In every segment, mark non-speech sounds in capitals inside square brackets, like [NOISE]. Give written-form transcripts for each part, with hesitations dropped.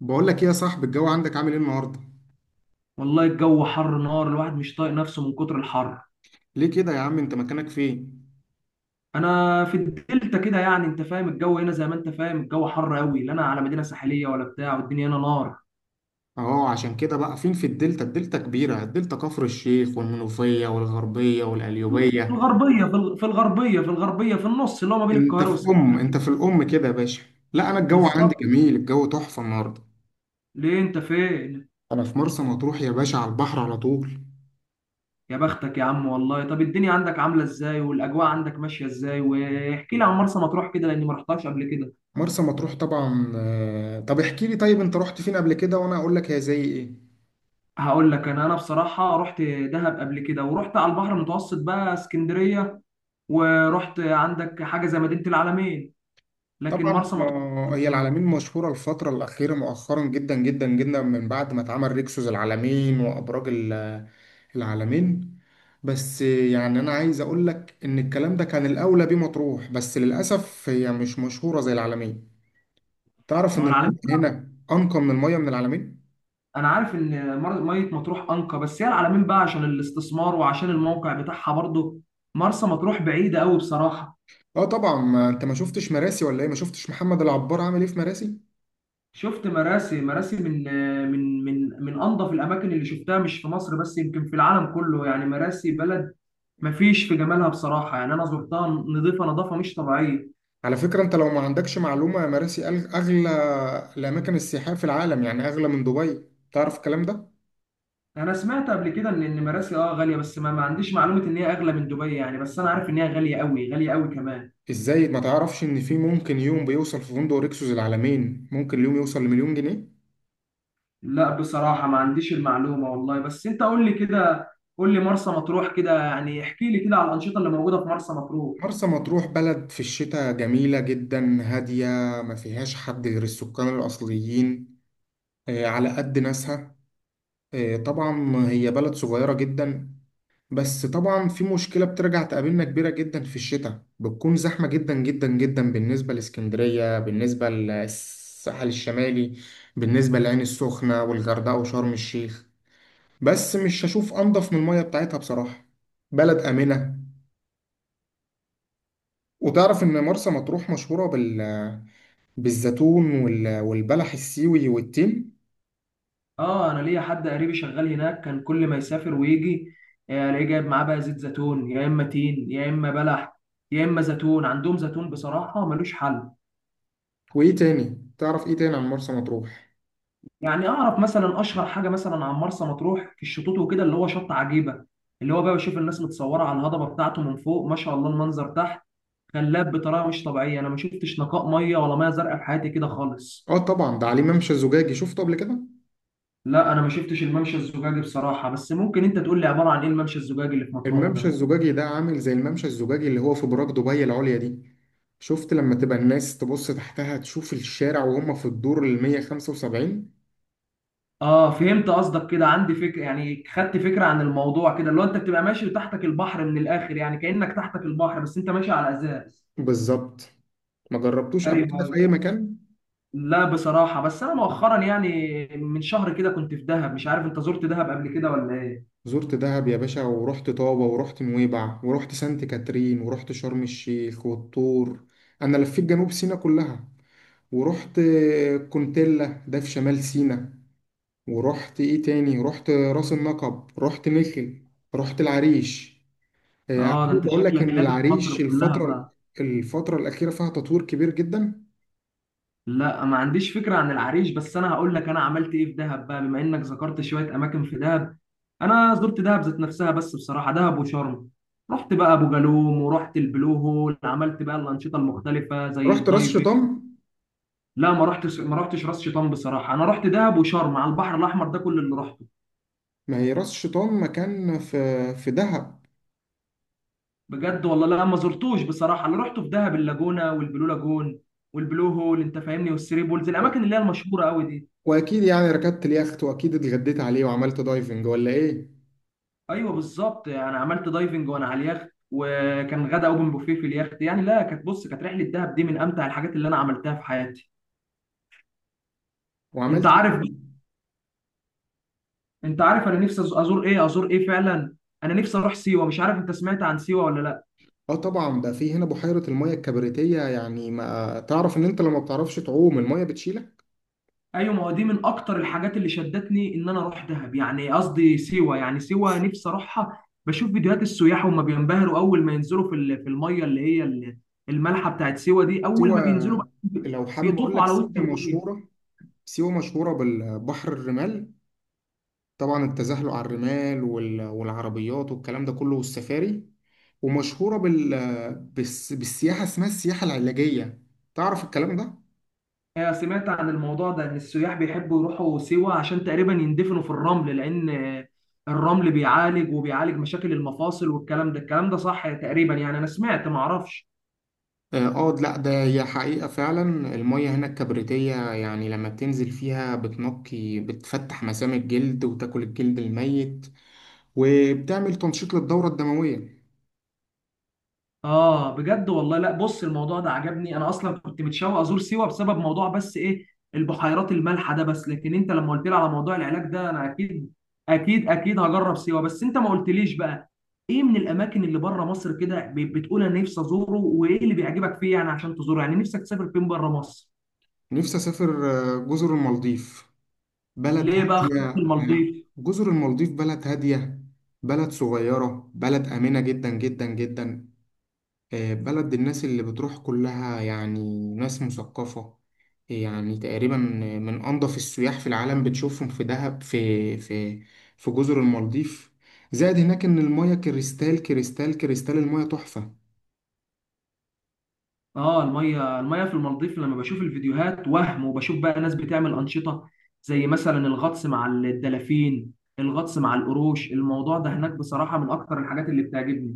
بقول لك ايه يا صاحبي، الجو عندك عامل ايه النهارده؟ والله الجو حر نار. الواحد مش طايق نفسه من كتر الحر. ليه كده يا عم، انت مكانك فين؟ انا في الدلتا كده. يعني انت فاهم الجو هنا زي ما انت فاهم، الجو حر قوي، لا انا على مدينه ساحليه ولا بتاع، والدنيا هنا نار. اهو عشان كده. بقى فين في الدلتا؟ الدلتا كبيره، الدلتا كفر الشيخ والمنوفيه والغربيه في والقليوبيه. الغربيه، في الغربيه، في النص اللي هو ما بين القاهره انت في الام كده يا باشا. لا، انا الجو عندي بالظبط. جميل، الجو تحفه النهارده. ليه انت فين؟ انا في مرسى مطروح يا باشا، على البحر على طول. يا بختك يا عم، والله. طب الدنيا عندك عامله ازاي؟ والاجواء عندك ماشيه ازاي؟ واحكي لي عن مرسى مطروح كده، لاني ما رحتهاش قبل كده. مرسى مطروح طبعا، طب احكي لي، طيب انت رحت فين قبل كده وانا اقول لك هي زي ايه؟ هقول لك، انا بصراحه رحت دهب قبل كده، ورحت على البحر المتوسط بقى اسكندريه، ورحت عندك حاجه زي مدينه العلمين، لكن طبعا مرسى مطروح هي العلمين مشهورة الفترة الأخيرة مؤخرا جدا جدا جدا من بعد ما اتعمل ريكسوس العلمين وأبراج العلمين. بس يعني أنا عايز أقول لك إن الكلام ده كان الأولى بيه مطروح، بس للأسف هي مش مشهورة زي العلمين. تعرف ما هو إن المية العلمين. هنا أنقى من المية من العلمين؟ انا عارف ان ميه مطروح انقى، بس هي العلمين بقى عشان الاستثمار وعشان الموقع بتاعها برضه. مرسى مطروح بعيده قوي بصراحه. آه طبعا، ما أنت ما شفتش مراسي ولا إيه؟ ما شفتش محمد العبار عامل إيه في مراسي؟ شفت مراسي. مراسي من من انظف الاماكن اللي شفتها، مش في مصر بس، يمكن في العالم كله. يعني مراسي بلد ما فيش في جمالها بصراحه. يعني انا زرتها، نظيفه، نظافه مش طبيعيه. على فكرة، أنت لو ما عندكش معلومة، مراسي أغلى الأماكن السياحية في العالم، يعني أغلى من دبي. تعرف الكلام ده؟ انا سمعت قبل كده ان مراسي اه غاليه، بس ما عنديش معلومه ان هي اغلى من دبي يعني، بس انا عارف ان هي غاليه قوي، غاليه قوي كمان. ازاي ما تعرفش ان في ممكن يوم بيوصل في فندق ريكسوس العالمين ممكن اليوم يوصل لمليون جنيه. لا بصراحه ما عنديش المعلومه والله، بس انت قول لي كده. قول لي مرسى مطروح كده، يعني احكي لي كده على الانشطه اللي موجوده في مرسى مطروح. مرسى مطروح بلد في الشتاء جميلة جدا هادية، ما فيهاش حد غير السكان الأصليين، على قد ناسها. طبعا هي بلد صغيرة جدا، بس طبعا في مشكلة بترجع تقابلنا كبيرة جدا، في الشتاء بتكون زحمة جدا جدا جدا بالنسبة لإسكندرية، بالنسبة للساحل الشمالي، بالنسبة للعين السخنة والغردقة وشرم الشيخ. بس مش هشوف انضف من المية بتاعتها بصراحة. بلد آمنة. وتعرف إن مرسى مطروح مشهورة بالزيتون والبلح السيوي والتين؟ اه انا ليا حد قريبي شغال هناك، كان كل ما يسافر ويجي الاقيه جايب معاه بقى زيت زيتون، يا اما تين، يا اما بلح، يا اما زيتون. عندهم زيتون بصراحه ملوش حل. وإيه تاني؟ تعرف إيه تاني عن مرسى مطروح؟ يعني اعرف مثلا اشهر حاجه مثلا عن مرسى مطروح في الشطوط وكده، اللي هو شط عجيبه، اللي هو بقى بشوف الناس متصوره على الهضبه بتاعته من فوق. ما شاء الله، المنظر تحت خلاب بطريقه مش طبيعيه. انا ما شفتش نقاء ميه ولا ميه زرقاء في حياتي كده خالص. آه طبعا، ده عليه ممشى الزجاجي، شفته قبل كده؟ لا انا ما شفتش الممشى الزجاجي بصراحه، بس ممكن انت تقول لي عباره عن ايه الممشى الزجاجي اللي في مطروح الممشى ده. الزجاجي ده عامل زي الممشى الزجاجي اللي هو في براك دبي العليا دي. شفت لما تبقى الناس تبص تحتها تشوف الشارع وهم في الدور ال 175؟ اه فهمت قصدك كده، عندي فكره. يعني خدت فكره عن الموضوع كده، اللي هو انت بتبقى ماشي وتحتك البحر من الاخر، يعني كانك تحتك البحر بس انت ماشي على ازاز. بالظبط. ما جربتوش قبل ايوه. كده في أي مكان؟ لا بصراحة، بس أنا مؤخرا يعني من شهر كده كنت في دهب. مش عارف أنت زرت دهب قبل كده ولا إيه؟ زرت دهب يا باشا، ورحت طابة ورحت نويبع ورحت سانت كاترين ورحت شرم الشيخ والطور. أنا لفيت جنوب سيناء كلها. ورحت كونتيلا، ده في شمال سيناء. ورحت إيه تاني، رحت راس النقب، رحت مخل، رحت العريش. آه ده أنت حابب أقول لك شكلك إن لافف العريش مصر كلها الفترة بقى. الفترة الأخيرة فيها تطوير كبير جدا. لا ما عنديش فكرة عن العريش، بس أنا هقول لك أنا عملت إيه في دهب بقى، بما إنك ذكرت شوية أماكن في دهب. أنا زرت دهب ذات نفسها، بس بصراحة دهب وشرم، رحت بقى أبو جالوم، ورحت البلو هول، عملت بقى الأنشطة المختلفة زي رحت راس الدايفنج. شيطان. لا ما رحتش راس شيطان بصراحة. أنا رحت دهب وشرم على البحر الأحمر، ده كل اللي رحته. ما هي راس شيطان مكان في دهب. بجد والله لا ما زرتوش بصراحه. انا رحت في دهب اللاجونه والبلو لاجون والبلو هول، انت فاهمني، والثري بولز، الاماكن اللي هي المشهوره قوي دي. واكيد يعني ركبت اليخت واكيد اتغديت عليه وعملت دايفنج ولا ايه؟ ايوه بالظبط، انا عملت دايفنج وانا على اليخت، وكان غدا اوبن بوفيه في اليخت يعني. لا كانت، بص، كانت رحله دهب دي من امتع الحاجات اللي انا عملتها في حياتي. انت وعملت إيه عارف تاني؟ بقى- انت عارف انا نفسي ازور ايه، فعلا انا نفسي اروح سيوه. مش عارف انت سمعت عن سيوه ولا لا؟ اه طبعا، ده في هنا بحيره الميه الكبريتيه، يعني ما تعرف ان انت لما بتعرفش تعوم الميه بتشيلك؟ ايوه، ما هو دي من اكتر الحاجات اللي شدتني ان انا اروح دهب، يعني قصدي سيوه. يعني سيوه نفسي اروحها، بشوف فيديوهات السياح وهم بينبهروا اول ما ينزلوا في في الميه اللي هي المالحه بتاعت سيوه دي، اول سيوه. ما بينزلوا بقى لو حابب اقول بيطوفوا لك، على سيوه وسط الميه. مشهوره، سيوه مشهوره بالبحر الرمال، طبعا التزحلق على الرمال والعربيات والكلام ده كله والسفاري. ومشهوره بالسياحه، اسمها السياحه العلاجيه. تعرف الكلام ده؟ سمعت عن الموضوع ده، ان السياح بيحبوا يروحوا سيوه عشان تقريبا يندفنوا في الرمل، لان الرمل بيعالج، وبيعالج مشاكل المفاصل والكلام ده. الكلام ده صح تقريبا يعني؟ انا سمعت، ما اعرفش. اه لا ده هي حقيقة فعلا. المية هنا الكبريتية يعني لما بتنزل فيها بتنقي، بتفتح مسام الجلد وتاكل الجلد الميت، وبتعمل تنشيط للدورة الدموية. اه بجد والله. لا بص، الموضوع ده عجبني. انا اصلا كنت متشوق ازور سيوه بسبب موضوع، بس ايه، البحيرات المالحه ده بس، لكن انت لما قلت لي على موضوع العلاج ده، انا اكيد اكيد اكيد هجرب سيوه. بس انت ما قلتليش بقى ايه من الاماكن اللي بره مصر كده بتقول انا نفسي ازوره، وايه اللي بيعجبك فيه يعني عشان تزوره؟ يعني نفسك تسافر فين بره مصر؟ نفسي أسافر جزر المالديف، بلد ليه بقى هادية. خط المالديف؟ جزر المالديف بلد هادية، بلد صغيرة، بلد آمنة جدا جدا جدا. بلد الناس اللي بتروح كلها يعني ناس مثقفة، يعني تقريبا من أنظف السياح في العالم. بتشوفهم في دهب في جزر المالديف. زائد هناك إن المياه كريستال كريستال كريستال، المياه تحفة. اه الميه، في المالديف لما بشوف الفيديوهات وهم، وبشوف بقى ناس بتعمل انشطه زي مثلا الغطس مع الدلافين، الغطس مع القروش، الموضوع ده هناك بصراحه من اكتر الحاجات اللي بتعجبني.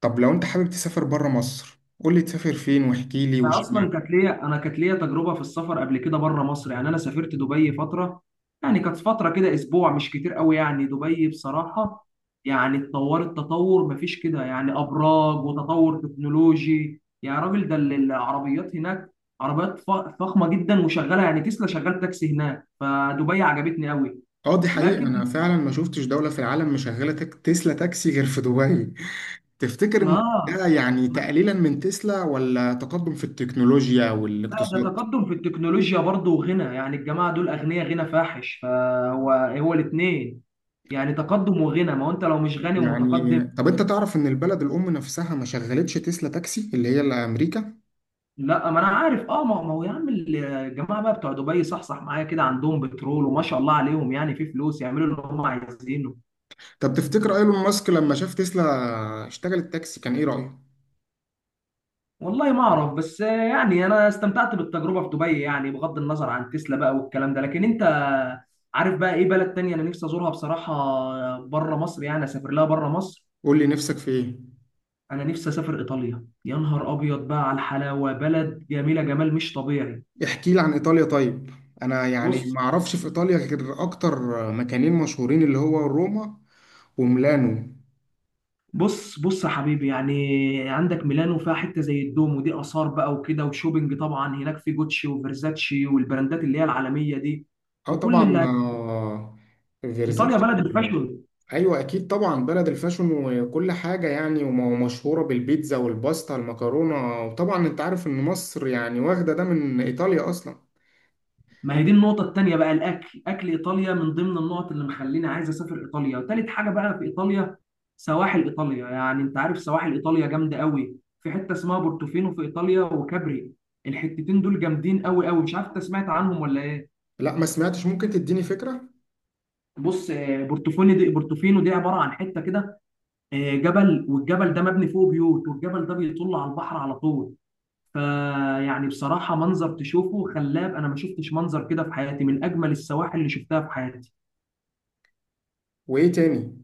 طب لو أنت حابب تسافر بره مصر، قولي تسافر فين واحكي لي انا واشمعنى. اصلا كانت ليا، كانت ليا تجربه في السفر قبل كده بره مصر. يعني انا سافرت دبي فتره، يعني كانت فتره كده اسبوع، مش كتير قوي يعني. دبي بصراحه يعني اتطورت تطور مفيش كده، يعني ابراج وتطور تكنولوجي. يا راجل ده العربيات هناك، عربيات فخمه جدا وشغاله يعني. تسلا شغال تاكسي هناك، فدبي عجبتني قوي. اه دي حقيقة، أنا لكن فعلا ما شفتش دولة في العالم مشغلة تسلا تاكسي غير في دبي. [LAUGHS] تفتكر إن ما ده يعني تقليلا من تسلا ولا تقدم في التكنولوجيا لا، ده والاقتصاد؟ تقدم في التكنولوجيا برضه، وغنى. يعني الجماعة دول أغنياء، غنى فاحش، فهو هو الاتنين، يعني تقدم وغنى. ما هو أنت لو مش غني ومتقدم. يعني طب انت تعرف ان البلد الام نفسها ما شغلتش تسلا تاكسي، اللي هي اللي امريكا؟ لا ما أنا عارف. أه ما هو يا عم الجماعة بقى بتوع دبي صحصح معايا كده، عندهم بترول وما شاء الله عليهم، يعني في فلوس يعملوا اللي هم عايزينه. طب تفتكر ايلون ماسك لما شاف تسلا اشتغلت تاكسي كان ايه رايه؟ والله ما أعرف، بس يعني أنا استمتعت بالتجربة في دبي، يعني بغض النظر عن تسلا بقى والكلام ده. لكن أنت عارف بقى إيه بلد تانية أنا نفسي أزورها بصراحة بره مصر؟ يعني أسافر لها بره مصر. قول لي نفسك في ايه. انا نفسي اسافر ايطاليا، يا نهار ابيض بقى على الحلاوه، بلد جميله، جمال مش طبيعي. احكي لي عن ايطاليا طيب. انا يعني بص ما اعرفش في ايطاليا غير اكتر مكانين مشهورين، اللي هو روما وميلانو. بص بص يا حبيبي يعني، عندك ميلانو فيها حته زي الدوم، ودي اثار بقى وكده، وشوبينج طبعا هناك في جوتشي وفيرزاتشي والبراندات اللي هي العالميه دي، اه وكل طبعا اللي، ايطاليا فيرزاتشي. بلد الفاشون. ايوه اكيد طبعا، بلد الفاشون وكل حاجه يعني، ومشهوره بالبيتزا والباستا المكرونه، وطبعا انت عارف ان مصر يعني واخده ده من ايطاليا اصلا. ما هي دي النقطة التانية بقى، الأكل، أكل إيطاليا من ضمن النقط اللي مخليني عايز أسافر إيطاليا، وتالت حاجة بقى في إيطاليا سواحل إيطاليا، يعني أنت عارف سواحل إيطاليا جامدة قوي، في حتة اسمها بورتوفينو في إيطاليا وكابري، الحتتين دول جامدين قوي قوي، مش عارف أنت سمعت عنهم ولا إيه؟ لا ما سمعتش، ممكن تديني فكره. بص بورتوفينو دي، عبارة عن حتة كده، جبل، والجبل ده مبني فوقه بيوت، والجبل ده بيطل على البحر على طول، فيعني بصراحة منظر تشوفه خلاب. أنا ما شفتش منظر كده في حياتي، من أجمل السواحل اللي شفتها في حياتي. وايه تاني؟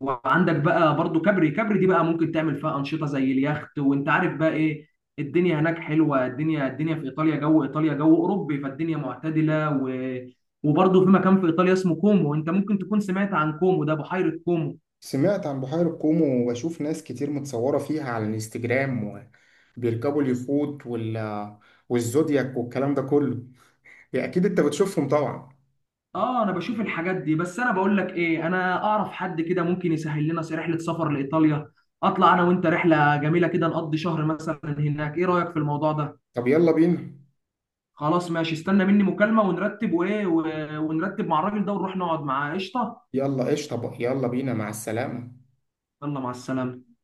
وعندك بقى برضو كبري. كبري دي بقى ممكن تعمل فيها انشطه زي اليخت، وانت عارف بقى ايه، الدنيا هناك حلوه. الدنيا في ايطاليا، جو ايطاليا جو اوروبي، فالدنيا معتدله و وبرضو في مكان في ايطاليا اسمه كومو، انت ممكن تكون سمعت عن كومو ده، بحيره كومو. سمعت عن بحيره كومو، وبشوف ناس كتير متصوره فيها على الانستجرام وبيركبوا اليخوت والزودياك والكلام ده كله. يا اكيد انت بتشوفهم طبعا. اه انا بشوف الحاجات دي، بس انا بقول لك ايه، انا اعرف حد كده ممكن يسهل لنا رحله سفر لايطاليا، اطلع انا وانت رحله جميله كده، نقضي شهر مثلا هناك، ايه رايك في الموضوع ده؟ طب يلا بينا. خلاص ماشي، استنى مني مكالمة ونرتب وايه، ونرتب مع الراجل ده ونروح نقعد معاه، قشطة. يلا ايش، طب يلا بينا، مع السلامه. يلا مع السلامة.